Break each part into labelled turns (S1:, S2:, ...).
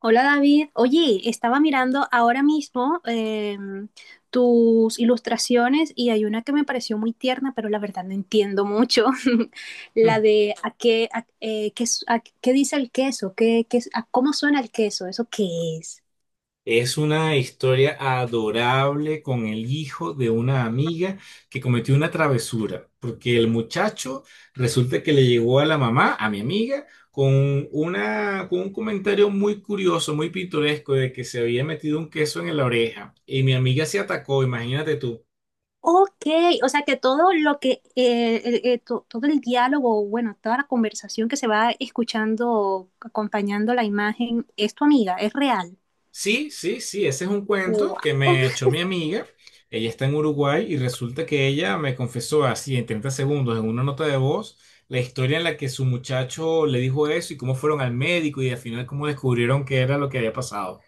S1: Hola David, oye, estaba mirando ahora mismo tus ilustraciones y hay una que me pareció muy tierna, pero la verdad no entiendo mucho. La
S2: Mm.
S1: de a qué, qué, a qué dice el queso, a cómo suena el queso, ¿eso qué es?
S2: Es una historia adorable con el hijo de una amiga que cometió una travesura, porque el muchacho resulta que le llegó a la mamá, a mi amiga, con un comentario muy curioso, muy pintoresco de que se había metido un queso en la oreja y mi amiga se atacó, imagínate tú.
S1: Ok, o sea que todo lo que, todo el diálogo, bueno, toda la conversación que se va escuchando, acompañando la imagen, es tu amiga, es real.
S2: Sí, sí, sí, ese es un cuento
S1: Wow.
S2: que me echó mi amiga. Ella está en Uruguay y resulta que ella me confesó así en 30 segundos en una nota de voz la historia en la que su muchacho le dijo eso y cómo fueron al médico y al final cómo descubrieron que era lo que había pasado.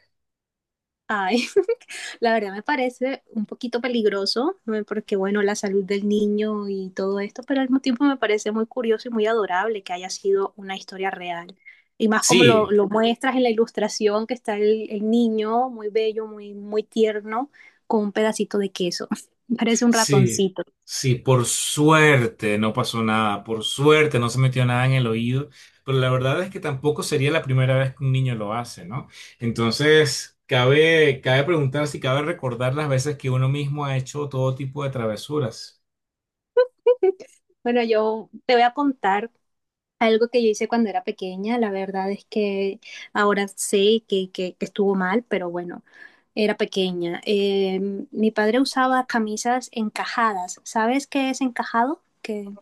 S1: Ay, la verdad me parece un poquito peligroso, ¿no? Porque bueno, la salud del niño y todo esto, pero al mismo tiempo me parece muy curioso y muy adorable que haya sido una historia real. Y más como
S2: Sí,
S1: lo muestras en la ilustración, que está el niño muy bello, muy tierno, con un pedacito de queso. Parece un
S2: sí,
S1: ratoncito.
S2: sí, por suerte no pasó nada, por suerte no se metió nada en el oído, pero la verdad es que tampoco sería la primera vez que un niño lo hace, ¿no? Entonces, cabe preguntar si cabe recordar las veces que uno mismo ha hecho todo tipo de travesuras.
S1: Bueno, yo te voy a contar algo que yo hice cuando era pequeña, la verdad es que ahora sé que estuvo mal, pero bueno, era pequeña. Mi padre usaba camisas encajadas. ¿Sabes qué es encajado? Que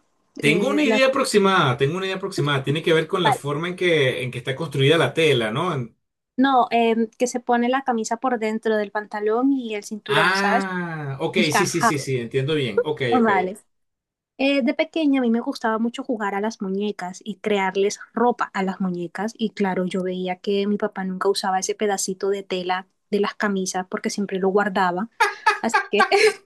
S2: Tengo
S1: eh,
S2: una
S1: la-
S2: idea aproximada, tengo una idea aproximada, tiene que ver con la
S1: vale.
S2: forma en que está construida la tela, ¿no?
S1: No, que se pone la camisa por dentro del pantalón y el cinturón, ¿sabes?
S2: Ah, ok, sí, sí, sí,
S1: Encajado.
S2: sí, entiendo bien, ok,
S1: Ah,
S2: ok.
S1: vale. De pequeña a mí me gustaba mucho jugar a las muñecas y crearles ropa a las muñecas y claro, yo veía que mi papá nunca usaba ese pedacito de tela de las camisas porque siempre lo guardaba, así que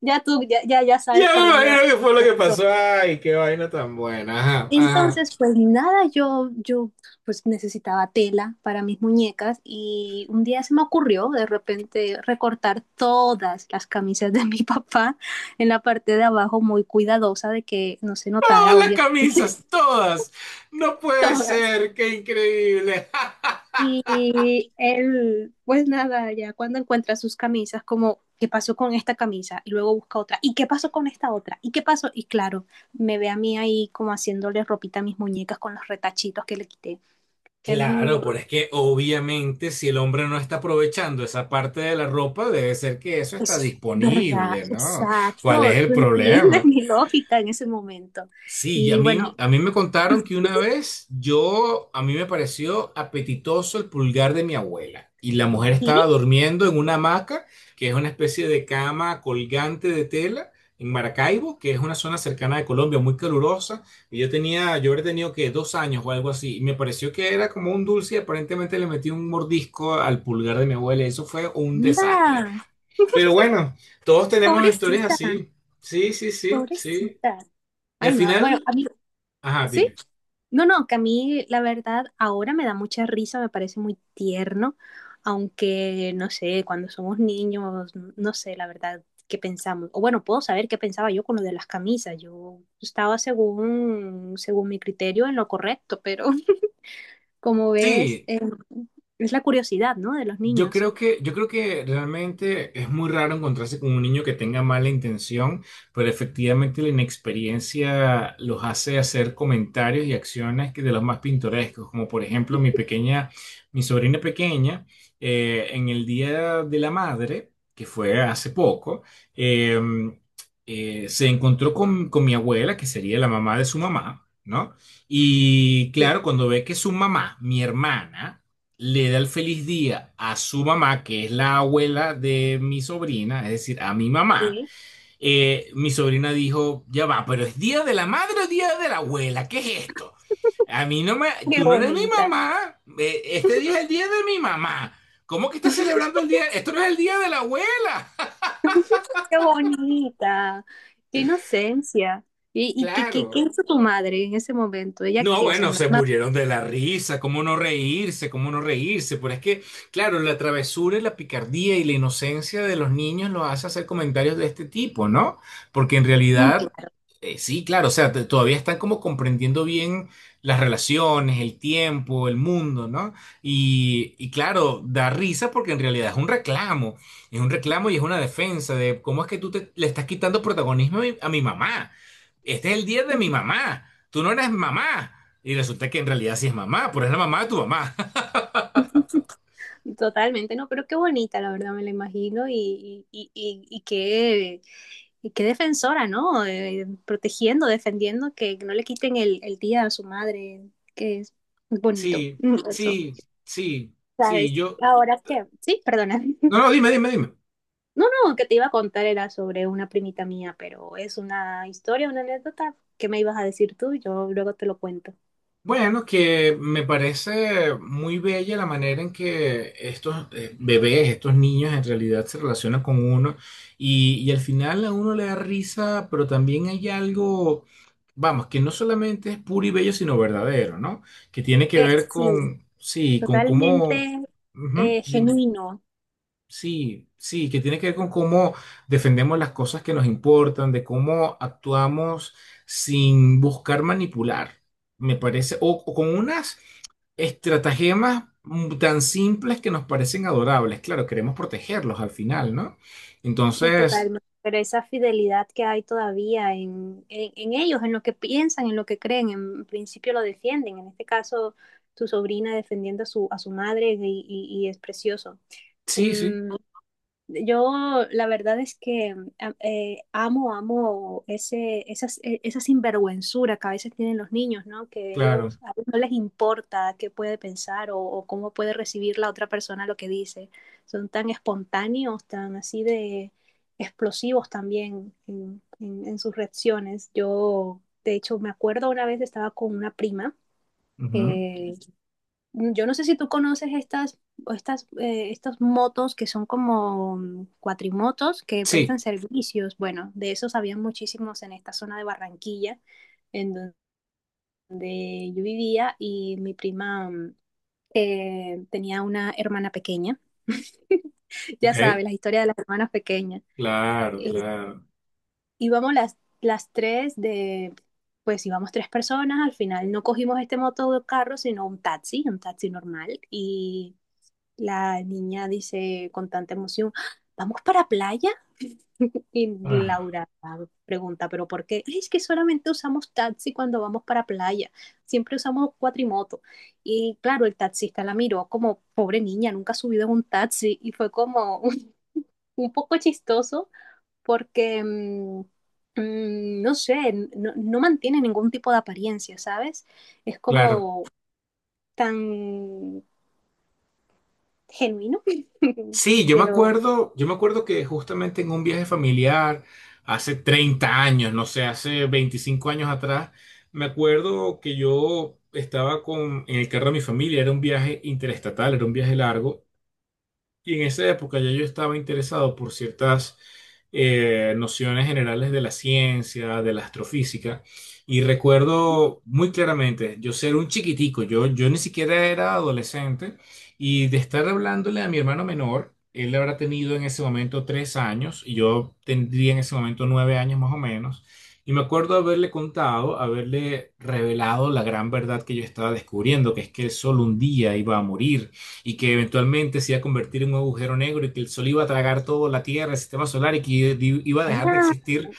S1: ya tú ya
S2: Ya
S1: sabes por
S2: me
S1: dónde va
S2: imagino que fue lo
S1: la
S2: que pasó.
S1: historia.
S2: Ay, qué vaina tan buena. Ajá, ajá.
S1: Entonces, pues nada, yo pues necesitaba tela para mis muñecas y un día se me ocurrió de repente recortar todas las camisas de mi papá en la parte de abajo, muy cuidadosa de que no se
S2: Todas
S1: notara,
S2: las
S1: obviamente.
S2: camisas, todas. No puede
S1: Todas.
S2: ser, qué increíble.
S1: Y él, pues nada, ya cuando encuentra sus camisas, como, ¿qué pasó con esta camisa? Y luego busca otra. ¿Y qué pasó con esta otra? ¿Y qué pasó? Y claro, me ve a mí ahí como haciéndole ropita a mis muñecas con los retachitos que le quité.
S2: Claro,
S1: Em,
S2: pero es que obviamente si el hombre no está aprovechando esa parte de la ropa, debe ser que eso está
S1: es verdad,
S2: disponible, ¿no? ¿Cuál es
S1: exacto.
S2: el
S1: Tú entiendes
S2: problema?
S1: mi lógica en ese momento.
S2: Sí, y
S1: Y bueno,
S2: a mí me contaron que una vez yo, a mí me pareció apetitoso el pulgar de mi abuela. Y la mujer estaba
S1: ¿qué?
S2: durmiendo en una hamaca, que es una especie de cama colgante de tela, en Maracaibo, que es una zona cercana de Colombia, muy calurosa. Y yo tenía, yo habría tenido que 2 años o algo así. Y me pareció que era como un dulce y aparentemente le metí un mordisco al pulgar de mi abuela. Y Eso fue un desastre.
S1: Mira,
S2: Pero bueno, todos tenemos historias
S1: pobrecita,
S2: así. Sí, sí, sí, sí.
S1: pobrecita.
S2: Y al
S1: Ay, no, bueno,
S2: final...
S1: a mí,
S2: Ajá,
S1: sí.
S2: dime.
S1: No, no, que a mí la verdad ahora me da mucha risa, me parece muy tierno, aunque no sé, cuando somos niños, no sé la verdad qué pensamos. O bueno, puedo saber qué pensaba yo con lo de las camisas. Yo estaba según mi criterio en lo correcto, pero como ves,
S2: Sí,
S1: es la curiosidad, ¿no? De los
S2: yo
S1: niños.
S2: creo que, yo creo que realmente es muy raro encontrarse con un niño que tenga mala intención, pero efectivamente la inexperiencia los hace hacer comentarios y acciones que de los más pintorescos, como por ejemplo mi pequeña, mi sobrina pequeña, en el Día de la Madre, que fue hace poco, eh, se encontró con mi abuela, que sería la mamá de su mamá, ¿no? Y
S1: Sí.
S2: claro, cuando ve que su mamá, mi hermana, le da el feliz día a su mamá, que es la abuela de mi sobrina, es decir, a mi mamá,
S1: Sí.
S2: mi sobrina dijo, ya va, pero ¿es día de la madre o día de la abuela? ¿Qué es esto? A mí no me,
S1: Qué
S2: tú no eres mi
S1: bonita.
S2: mamá, este día es el día de mi mamá. ¿Cómo que estás celebrando el día? Esto no es el día de la abuela.
S1: Qué bonita, qué inocencia. ¿Y, qué
S2: Claro.
S1: hizo tu madre en ese momento? ¿Ella
S2: No,
S1: qué? O sea,
S2: bueno, se
S1: no.
S2: murieron de la risa, cómo no reírse, pero es que, claro, la travesura y la picardía y la inocencia de los niños los hace hacer comentarios de este tipo, ¿no? Porque en
S1: Mm,
S2: realidad,
S1: claro.
S2: sí, claro, o sea, todavía están como comprendiendo bien las relaciones, el tiempo, el mundo, ¿no? Y claro, da risa porque en realidad es un reclamo y es una defensa de cómo es que tú te- le estás quitando protagonismo a mi mamá. Este es el día de mi mamá, tú no eres mamá. Y resulta que en realidad sí es mamá, pero es la mamá de tu mamá.
S1: Totalmente, no, pero qué bonita, la verdad, me la imagino y, y qué defensora, ¿no? Protegiendo, defendiendo, que no le quiten el día a su madre, que es bonito,
S2: Sí,
S1: mm, eso.
S2: sí, sí, sí,
S1: ¿Sabes?
S2: yo,
S1: Ahora que, sí, perdona.
S2: no, no, dime, dime, dime.
S1: No, no, que te iba a contar era sobre una primita mía, pero es una historia, una anécdota que me ibas a decir tú, yo luego te lo cuento.
S2: Bueno, que me parece muy bella la manera en que estos bebés, estos niños en realidad se relacionan con uno y al final a uno le da risa, pero también hay algo, vamos, que no solamente es puro y bello, sino verdadero, ¿no? Que tiene que ver
S1: Sí,
S2: con, sí, con cómo...
S1: totalmente.
S2: Ujú,
S1: Eh,
S2: dime.
S1: genuino.
S2: Sí, sí, que tiene que ver con cómo defendemos las cosas que nos importan, de cómo actuamos sin buscar manipular, me parece, o con unas estratagemas tan simples que nos parecen adorables. Claro, queremos protegerlos al final, ¿no? Entonces,
S1: Totalmente, pero esa fidelidad que hay todavía en ellos, en lo que piensan, en lo que creen, en principio lo defienden. En este caso, tu sobrina defendiendo a a su madre y es precioso.
S2: sí, sí,
S1: Mm, yo la verdad es que amo, amo esa sinvergüenzura que a veces tienen los niños, ¿no? Que
S2: claro.
S1: ellos a veces no les importa qué puede pensar o cómo puede recibir la otra persona lo que dice. Son tan espontáneos, tan así de explosivos también en sus reacciones. Yo, de hecho, me acuerdo una vez estaba con una prima.
S2: Ujú.
S1: Eh, mm, yo no sé si tú conoces o estas, estos motos que son como mm, cuatrimotos que prestan
S2: Sí,
S1: servicios. Bueno, de esos había muchísimos en esta zona de Barranquilla, en donde yo vivía, y mi prima mm, tenía una hermana pequeña.
S2: ok,
S1: Ya sabes, la historia de las hermanas pequeñas.
S2: claro,
S1: Eh,
S2: claro.
S1: íbamos las tres de, pues íbamos tres personas, al final no cogimos este motocarro, sino un taxi normal, y la niña dice con tanta emoción, ¿vamos para playa? Y
S2: Ah,
S1: Laura pregunta, ¿pero por qué? "Ay, es que solamente usamos taxi cuando vamos para playa, siempre usamos cuatrimoto." Y claro, el taxista la miró como, pobre niña, nunca ha subido en un taxi y fue como un poco chistoso porque, no sé, no mantiene ningún tipo de apariencia, ¿sabes? Es
S2: claro.
S1: como tan genuino.
S2: Sí,
S1: Quiero
S2: yo me acuerdo que justamente en un viaje familiar, hace 30 años, no sé, hace 25 años atrás, me acuerdo que yo estaba con, en el carro de mi familia, era un viaje interestatal, era un viaje largo, y en esa época ya yo estaba interesado por ciertas nociones generales de la ciencia, de la astrofísica, y recuerdo muy claramente yo ser un chiquitico, yo ni siquiera era adolescente, y de estar hablándole a mi hermano menor, él habrá tenido en ese momento 3 años, y yo tendría en ese momento 9 años más o menos, y me acuerdo haberle contado, haberle revelado la gran verdad que yo estaba descubriendo, que es que el sol un día iba a morir y que eventualmente se iba a convertir en un agujero negro y que el Sol iba a tragar toda la Tierra, el sistema solar y que iba a dejar de
S1: ah,
S2: existir.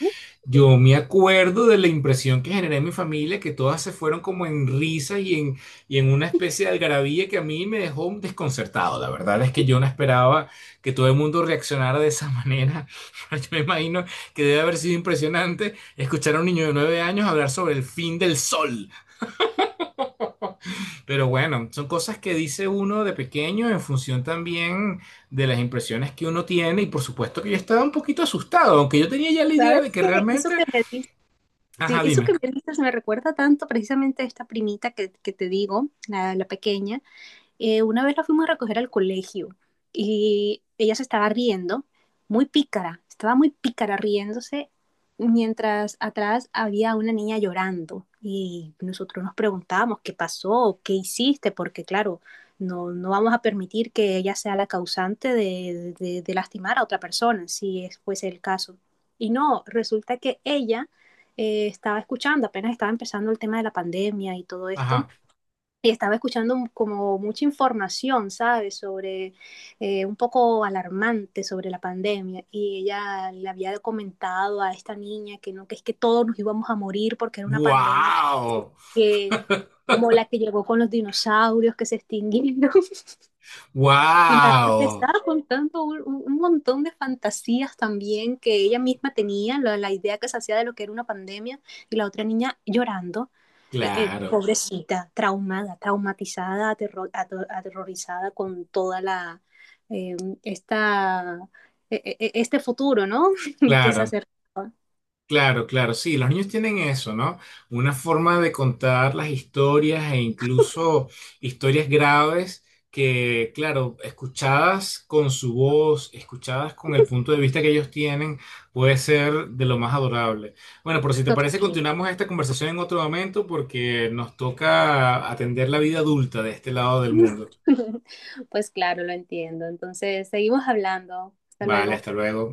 S2: Yo me acuerdo de la impresión que generé en mi familia, que todas se fueron como en risas y en una especie de algarabía que a mí me dejó desconcertado. La verdad es que yo no esperaba que todo el mundo reaccionara de esa manera. Yo me imagino que debe haber sido impresionante escuchar a un niño de 9 años hablar sobre el fin del Sol. Pero bueno, son cosas que dice uno de pequeño en función también de las impresiones que uno tiene y por supuesto que yo estaba un poquito asustado, aunque yo tenía ya la idea de
S1: ¿sabes
S2: que
S1: qué? Eso
S2: realmente...
S1: que me dices, sí,
S2: Ajá,
S1: eso que
S2: dime.
S1: me dices me recuerda tanto precisamente a esta primita que te digo, la pequeña. Eh, una vez la fuimos a recoger al colegio y ella se estaba riendo, muy pícara, estaba muy pícara riéndose, mientras atrás había una niña llorando y nosotros nos preguntábamos qué pasó, qué hiciste, porque claro, no, no vamos a permitir que ella sea la causante de, de lastimar a otra persona, si es, fuese el caso. Y no, resulta que ella estaba escuchando, apenas estaba empezando el tema de la pandemia y todo esto,
S2: Ajá.
S1: y estaba escuchando como mucha información, ¿sabes? Sobre un poco alarmante sobre la pandemia y ella le había comentado a esta niña que no, que es que todos nos íbamos a morir porque era una pandemia
S2: ¡Wow!
S1: que como la que llegó con los dinosaurios que se extinguieron y le
S2: ¡Wow!
S1: estaba contando un montón de fantasías también que ella misma tenía, la idea que se hacía de lo que era una pandemia, y la otra niña llorando,
S2: Claro,
S1: pobrecita, traumada, traumatizada, aterrorizada con toda la, eh, esta, e- e- e- este futuro, ¿no? Que se
S2: claro.
S1: acerca
S2: Claro, claro, sí, los niños tienen eso, ¿no? Una forma de contar las historias e incluso historias graves que, claro, escuchadas con su voz, escuchadas con el punto de vista que ellos tienen, puede ser de lo más adorable. Bueno, pero si te parece,
S1: totalmente.
S2: continuamos esta conversación en otro momento porque nos toca atender la vida adulta de este lado del mundo.
S1: Pues claro, lo entiendo. Entonces, seguimos hablando. Hasta
S2: Vale,
S1: luego.
S2: hasta luego.